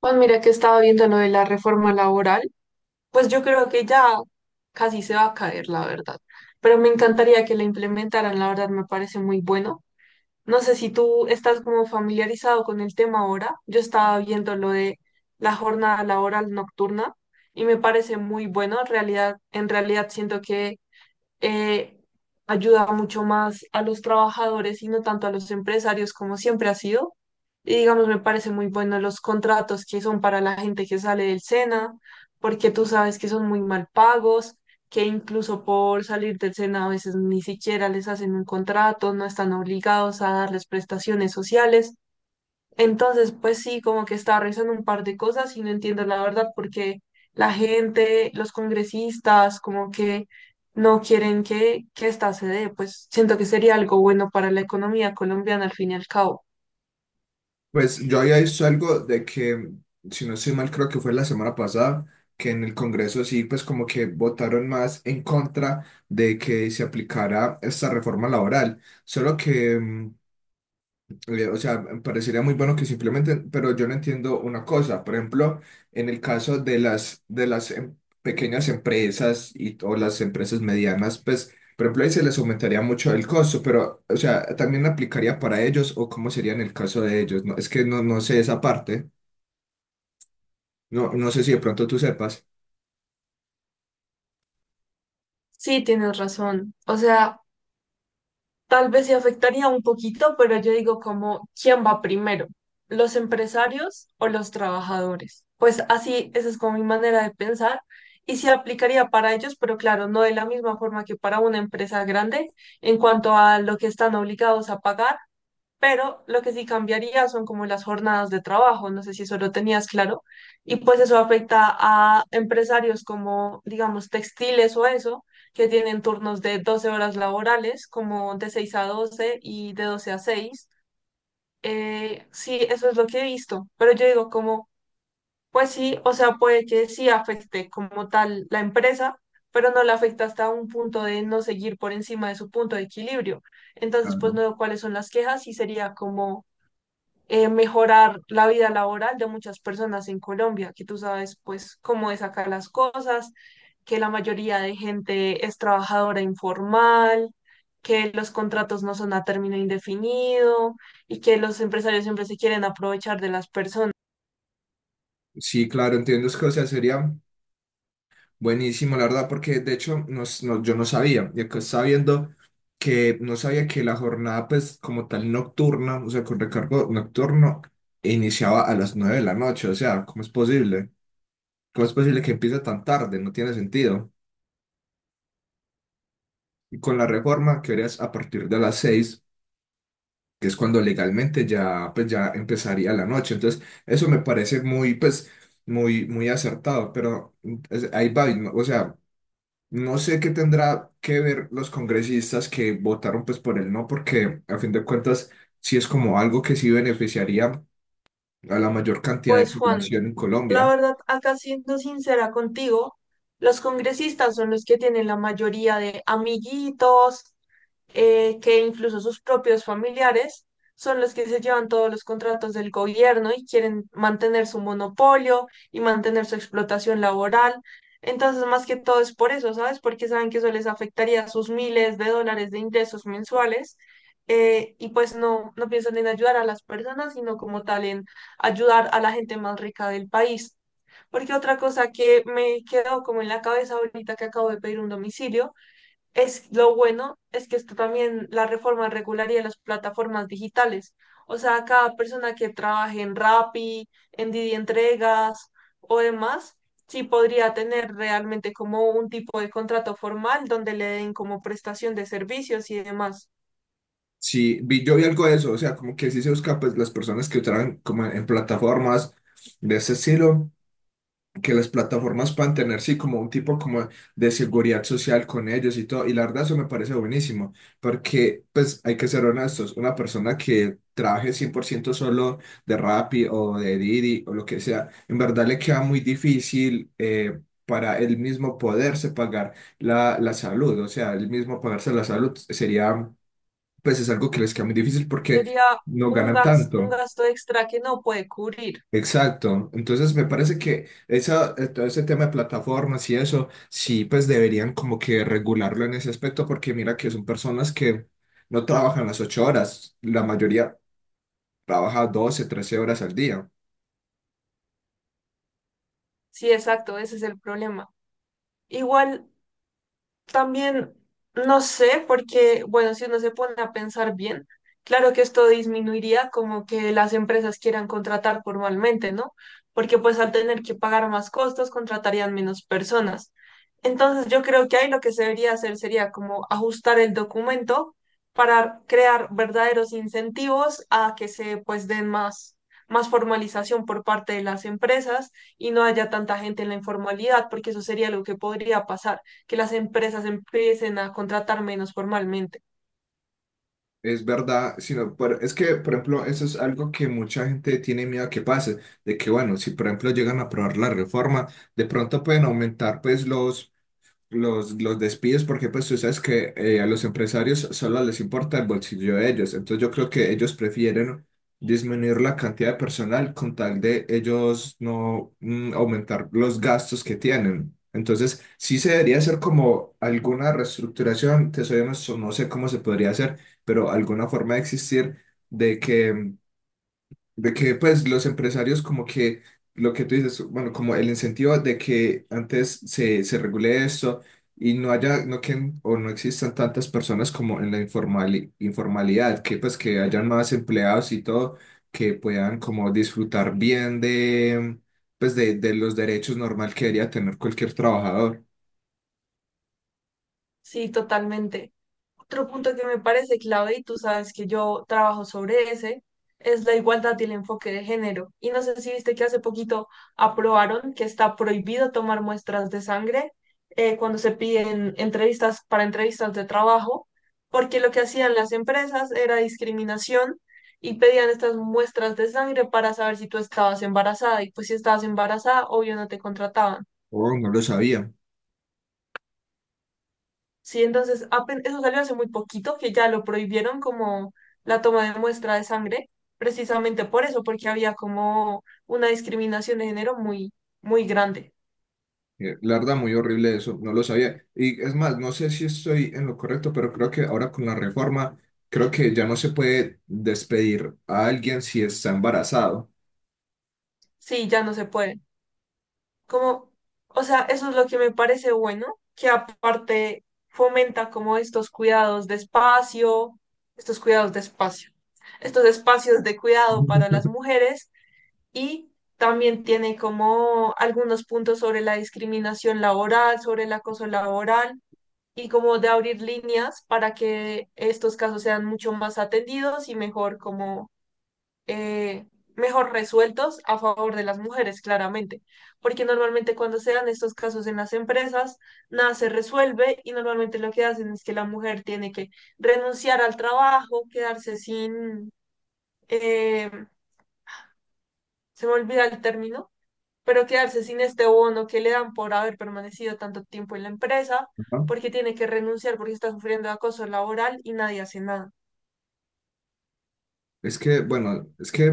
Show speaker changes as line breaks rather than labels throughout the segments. Pues mira que estaba viendo lo de la reforma laboral, pues yo creo que ya casi se va a caer, la verdad. Pero me encantaría que la implementaran, la verdad me parece muy bueno. No sé si tú estás como familiarizado con el tema ahora. Yo estaba viendo lo de la jornada laboral nocturna y me parece muy bueno. En realidad, siento que eh, ayuda mucho más a los trabajadores y no tanto a los empresarios como siempre ha sido. Y digamos, me parece muy bueno los contratos que son para la gente que sale del SENA, porque tú sabes que son muy mal pagos, que incluso por salir del SENA a veces ni siquiera les hacen un contrato, no están obligados a darles prestaciones sociales. Entonces, pues sí, como que estaba revisando un par de cosas y no entiendo la verdad porque la gente, los congresistas, como que no quieren que esta se dé, pues siento que sería algo bueno para la economía colombiana al fin y al cabo.
Pues yo había visto algo de que, si no estoy mal, creo que fue la semana pasada, que en el Congreso sí, pues como que votaron más en contra de que se aplicara esta reforma laboral. Solo que o sea, parecería muy bueno que simplemente, pero yo no entiendo una cosa. Por ejemplo, en el caso de las, pequeñas empresas y, o las empresas medianas, pues, por ejemplo, ahí se les aumentaría mucho el costo, pero, o sea, también aplicaría para ellos o cómo sería en el caso de ellos. No, es que no, no sé esa parte. No, no sé si de pronto tú sepas.
Sí, tienes razón. O sea, tal vez sí afectaría un poquito, pero yo digo como, ¿quién va primero? ¿Los empresarios o los trabajadores? Pues así, esa es como mi manera de pensar y sí aplicaría para ellos, pero claro, no de la misma forma que para una empresa grande en cuanto a lo que están obligados a pagar, pero lo que sí cambiaría son como las jornadas de trabajo, no sé si eso lo tenías claro, y pues eso afecta a empresarios como, digamos, textiles o eso, que tienen turnos de 12 horas laborales, como de 6 a 12 y de 12 a 6. Sí, eso es lo que he visto, pero yo digo como, pues sí, o sea, puede que sí afecte como tal la empresa, pero no la afecta hasta un punto de no seguir por encima de su punto de equilibrio. Entonces, pues no
Claro.
veo cuáles son las quejas y sería como mejorar la vida laboral de muchas personas en Colombia, que tú sabes pues cómo es acá las cosas, que la mayoría de gente es trabajadora informal, que los contratos no son a término indefinido y que los empresarios siempre se quieren aprovechar de las personas.
Sí, claro, entiendo. Es que, o sea, sería buenísimo, la verdad, porque de hecho yo no sabía, y acá estaba viendo que no sabía que la jornada pues como tal nocturna, o sea, con recargo nocturno, iniciaba a las 9 de la noche. O sea, ¿cómo es posible? ¿Cómo es posible que empiece tan tarde? No tiene sentido. Y con la reforma que harías a partir de las 6, que es cuando legalmente ya pues ya empezaría la noche, entonces eso me parece muy pues muy muy acertado, pero ahí va, o sea, no sé qué tendrá que ver los congresistas que votaron pues por el no, porque a fin de cuentas sí es como algo que sí beneficiaría a la mayor cantidad
Pues
de
Juan,
población en
la
Colombia.
verdad, acá siendo sincera contigo, los congresistas son los que tienen la mayoría de amiguitos, que incluso sus propios familiares son los que se llevan todos los contratos del gobierno y quieren mantener su monopolio y mantener su explotación laboral. Entonces, más que todo es por eso, ¿sabes? Porque saben que eso les afectaría sus miles de dólares de ingresos mensuales. Y pues no, no piensan en ayudar a las personas, sino como tal en ayudar a la gente más rica del país. Porque otra cosa que me quedó como en la cabeza ahorita que acabo de pedir un domicilio es, lo bueno es que esto también, la reforma regularía las plataformas digitales. O sea, cada persona que trabaje en Rappi, en Didi Entregas o demás, sí podría tener realmente como un tipo de contrato formal donde le den como prestación de servicios y demás.
Sí, vi, yo vi algo de eso, o sea, como que sí se busca pues las personas que votaran como en plataformas de ese estilo, que las plataformas puedan tener, sí, como un tipo como de seguridad social con ellos y todo. Y la verdad eso me parece buenísimo, porque pues hay que ser honestos, una persona que trabaje 100% solo de Rappi o de Didi o lo que sea, en verdad le queda muy difícil para él mismo poderse pagar la salud, o sea, él mismo pagarse la salud sería, pues es algo que les queda muy difícil porque
Sería
no ganan
un
tanto.
gasto extra que no puede cubrir.
Exacto, entonces me parece que esa, todo ese tema de plataformas y eso, sí, pues deberían como que regularlo en ese aspecto, porque mira que son personas que no trabajan las 8 horas, la mayoría trabaja 12, 13 horas al día.
Sí, exacto, ese es el problema. Igual también no sé, porque, bueno, si uno se pone a pensar bien, claro que esto disminuiría como que las empresas quieran contratar formalmente, ¿no? Porque pues al tener que pagar más costos, contratarían menos personas. Entonces yo creo que ahí lo que se debería hacer sería como ajustar el documento para crear verdaderos incentivos a que se pues den más, formalización por parte de las empresas y no haya tanta gente en la informalidad, porque eso sería lo que podría pasar, que las empresas empiecen a contratar menos formalmente.
Es verdad, sino, es que, por ejemplo, eso es algo que mucha gente tiene miedo que pase, de que, bueno, si por ejemplo llegan a aprobar la reforma, de pronto pueden aumentar pues los despidos, porque pues tú sabes que a los empresarios solo les importa el bolsillo de ellos. Entonces yo creo que ellos prefieren disminuir la cantidad de personal con tal de ellos no aumentar los gastos que tienen. Entonces sí se debería hacer como alguna reestructuración, te soy honesto, no sé cómo se podría hacer, pero alguna forma de existir de que de que pues los empresarios como que lo que tú dices, bueno, como el incentivo de que antes se regule esto y no haya, no que, o no existan tantas personas como en la informalidad, que pues que hayan más empleados y todo, que puedan como disfrutar bien pues de los derechos normal que debería tener cualquier trabajador.
Sí, totalmente. Otro punto que me parece clave, y tú sabes que yo trabajo sobre ese, es la igualdad y el enfoque de género. Y no sé si viste que hace poquito aprobaron que está prohibido tomar muestras de sangre cuando se piden entrevistas para entrevistas de trabajo, porque lo que hacían las empresas era discriminación y pedían estas muestras de sangre para saber si tú estabas embarazada. Y pues si estabas embarazada, obvio no te contrataban.
Oh, no lo sabía.
Sí, entonces eso salió hace muy poquito, que ya lo prohibieron como la toma de muestra de sangre, precisamente por eso, porque había como una discriminación de género muy, muy grande.
La verdad, muy horrible eso, no lo sabía. Y es más, no sé si estoy en lo correcto, pero creo que ahora con la reforma, creo que ya no se puede despedir a alguien si está embarazado.
Sí, ya no se puede. Como, o sea, eso es lo que me parece bueno, que aparte fomenta como estos cuidados de espacio, estos espacios de cuidado para las mujeres, y también tiene como algunos puntos sobre la discriminación laboral, sobre el acoso laboral y como de abrir líneas para que estos casos sean mucho más atendidos y mejor como eh, mejor resueltos a favor de las mujeres, claramente. Porque normalmente cuando se dan estos casos en las empresas, nada se resuelve y normalmente lo que hacen es que la mujer tiene que renunciar al trabajo, quedarse sin, eh, se me olvida el término, pero quedarse sin este bono que le dan por haber permanecido tanto tiempo en la empresa,
¿No?
porque tiene que renunciar porque está sufriendo de acoso laboral y nadie hace nada.
Es que, bueno, es que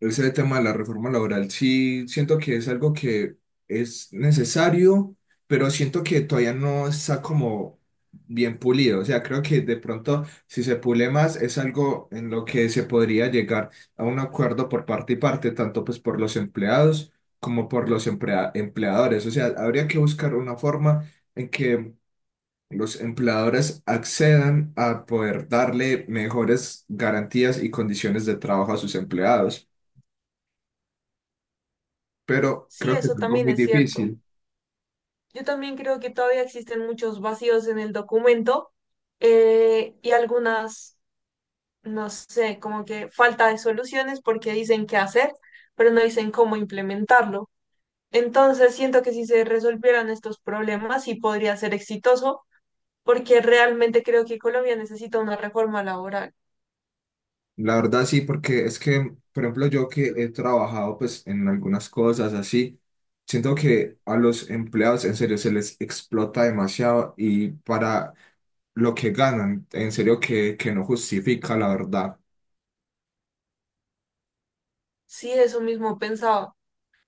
ese tema de la reforma laboral, sí, siento que es algo que es necesario, pero siento que todavía no está como bien pulido. O sea, creo que de pronto, si se pule más, es algo en lo que se podría llegar a un acuerdo por parte y parte, tanto pues por los empleados como por los empleadores. O sea, habría que buscar una forma en que los empleadores accedan a poder darle mejores garantías y condiciones de trabajo a sus empleados, pero
Sí,
creo que
eso
es algo
también
muy
es cierto.
difícil.
Yo también creo que todavía existen muchos vacíos en el documento, y algunas, no sé, como que falta de soluciones porque dicen qué hacer, pero no dicen cómo implementarlo. Entonces, siento que si se resolvieran estos problemas, sí podría ser exitoso, porque realmente creo que Colombia necesita una reforma laboral.
La verdad sí, porque es que, por ejemplo, yo que he trabajado pues en algunas cosas así, siento que a los empleados en serio se les explota demasiado y para lo que ganan, en serio que no justifica la verdad.
Sí, eso mismo pensaba.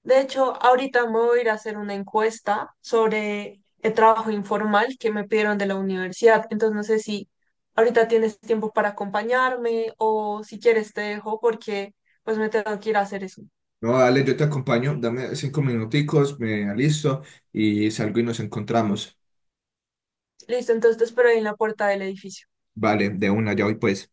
De hecho, ahorita me voy a ir a hacer una encuesta sobre el trabajo informal que me pidieron de la universidad. Entonces, no sé si ahorita tienes tiempo para acompañarme o si quieres te dejo porque pues me tengo que ir a hacer eso.
No, dale, yo te acompaño, dame 5 minuticos, me alisto y salgo y nos encontramos.
Listo, entonces te espero ahí en la puerta del edificio.
Vale, de una, ya voy pues.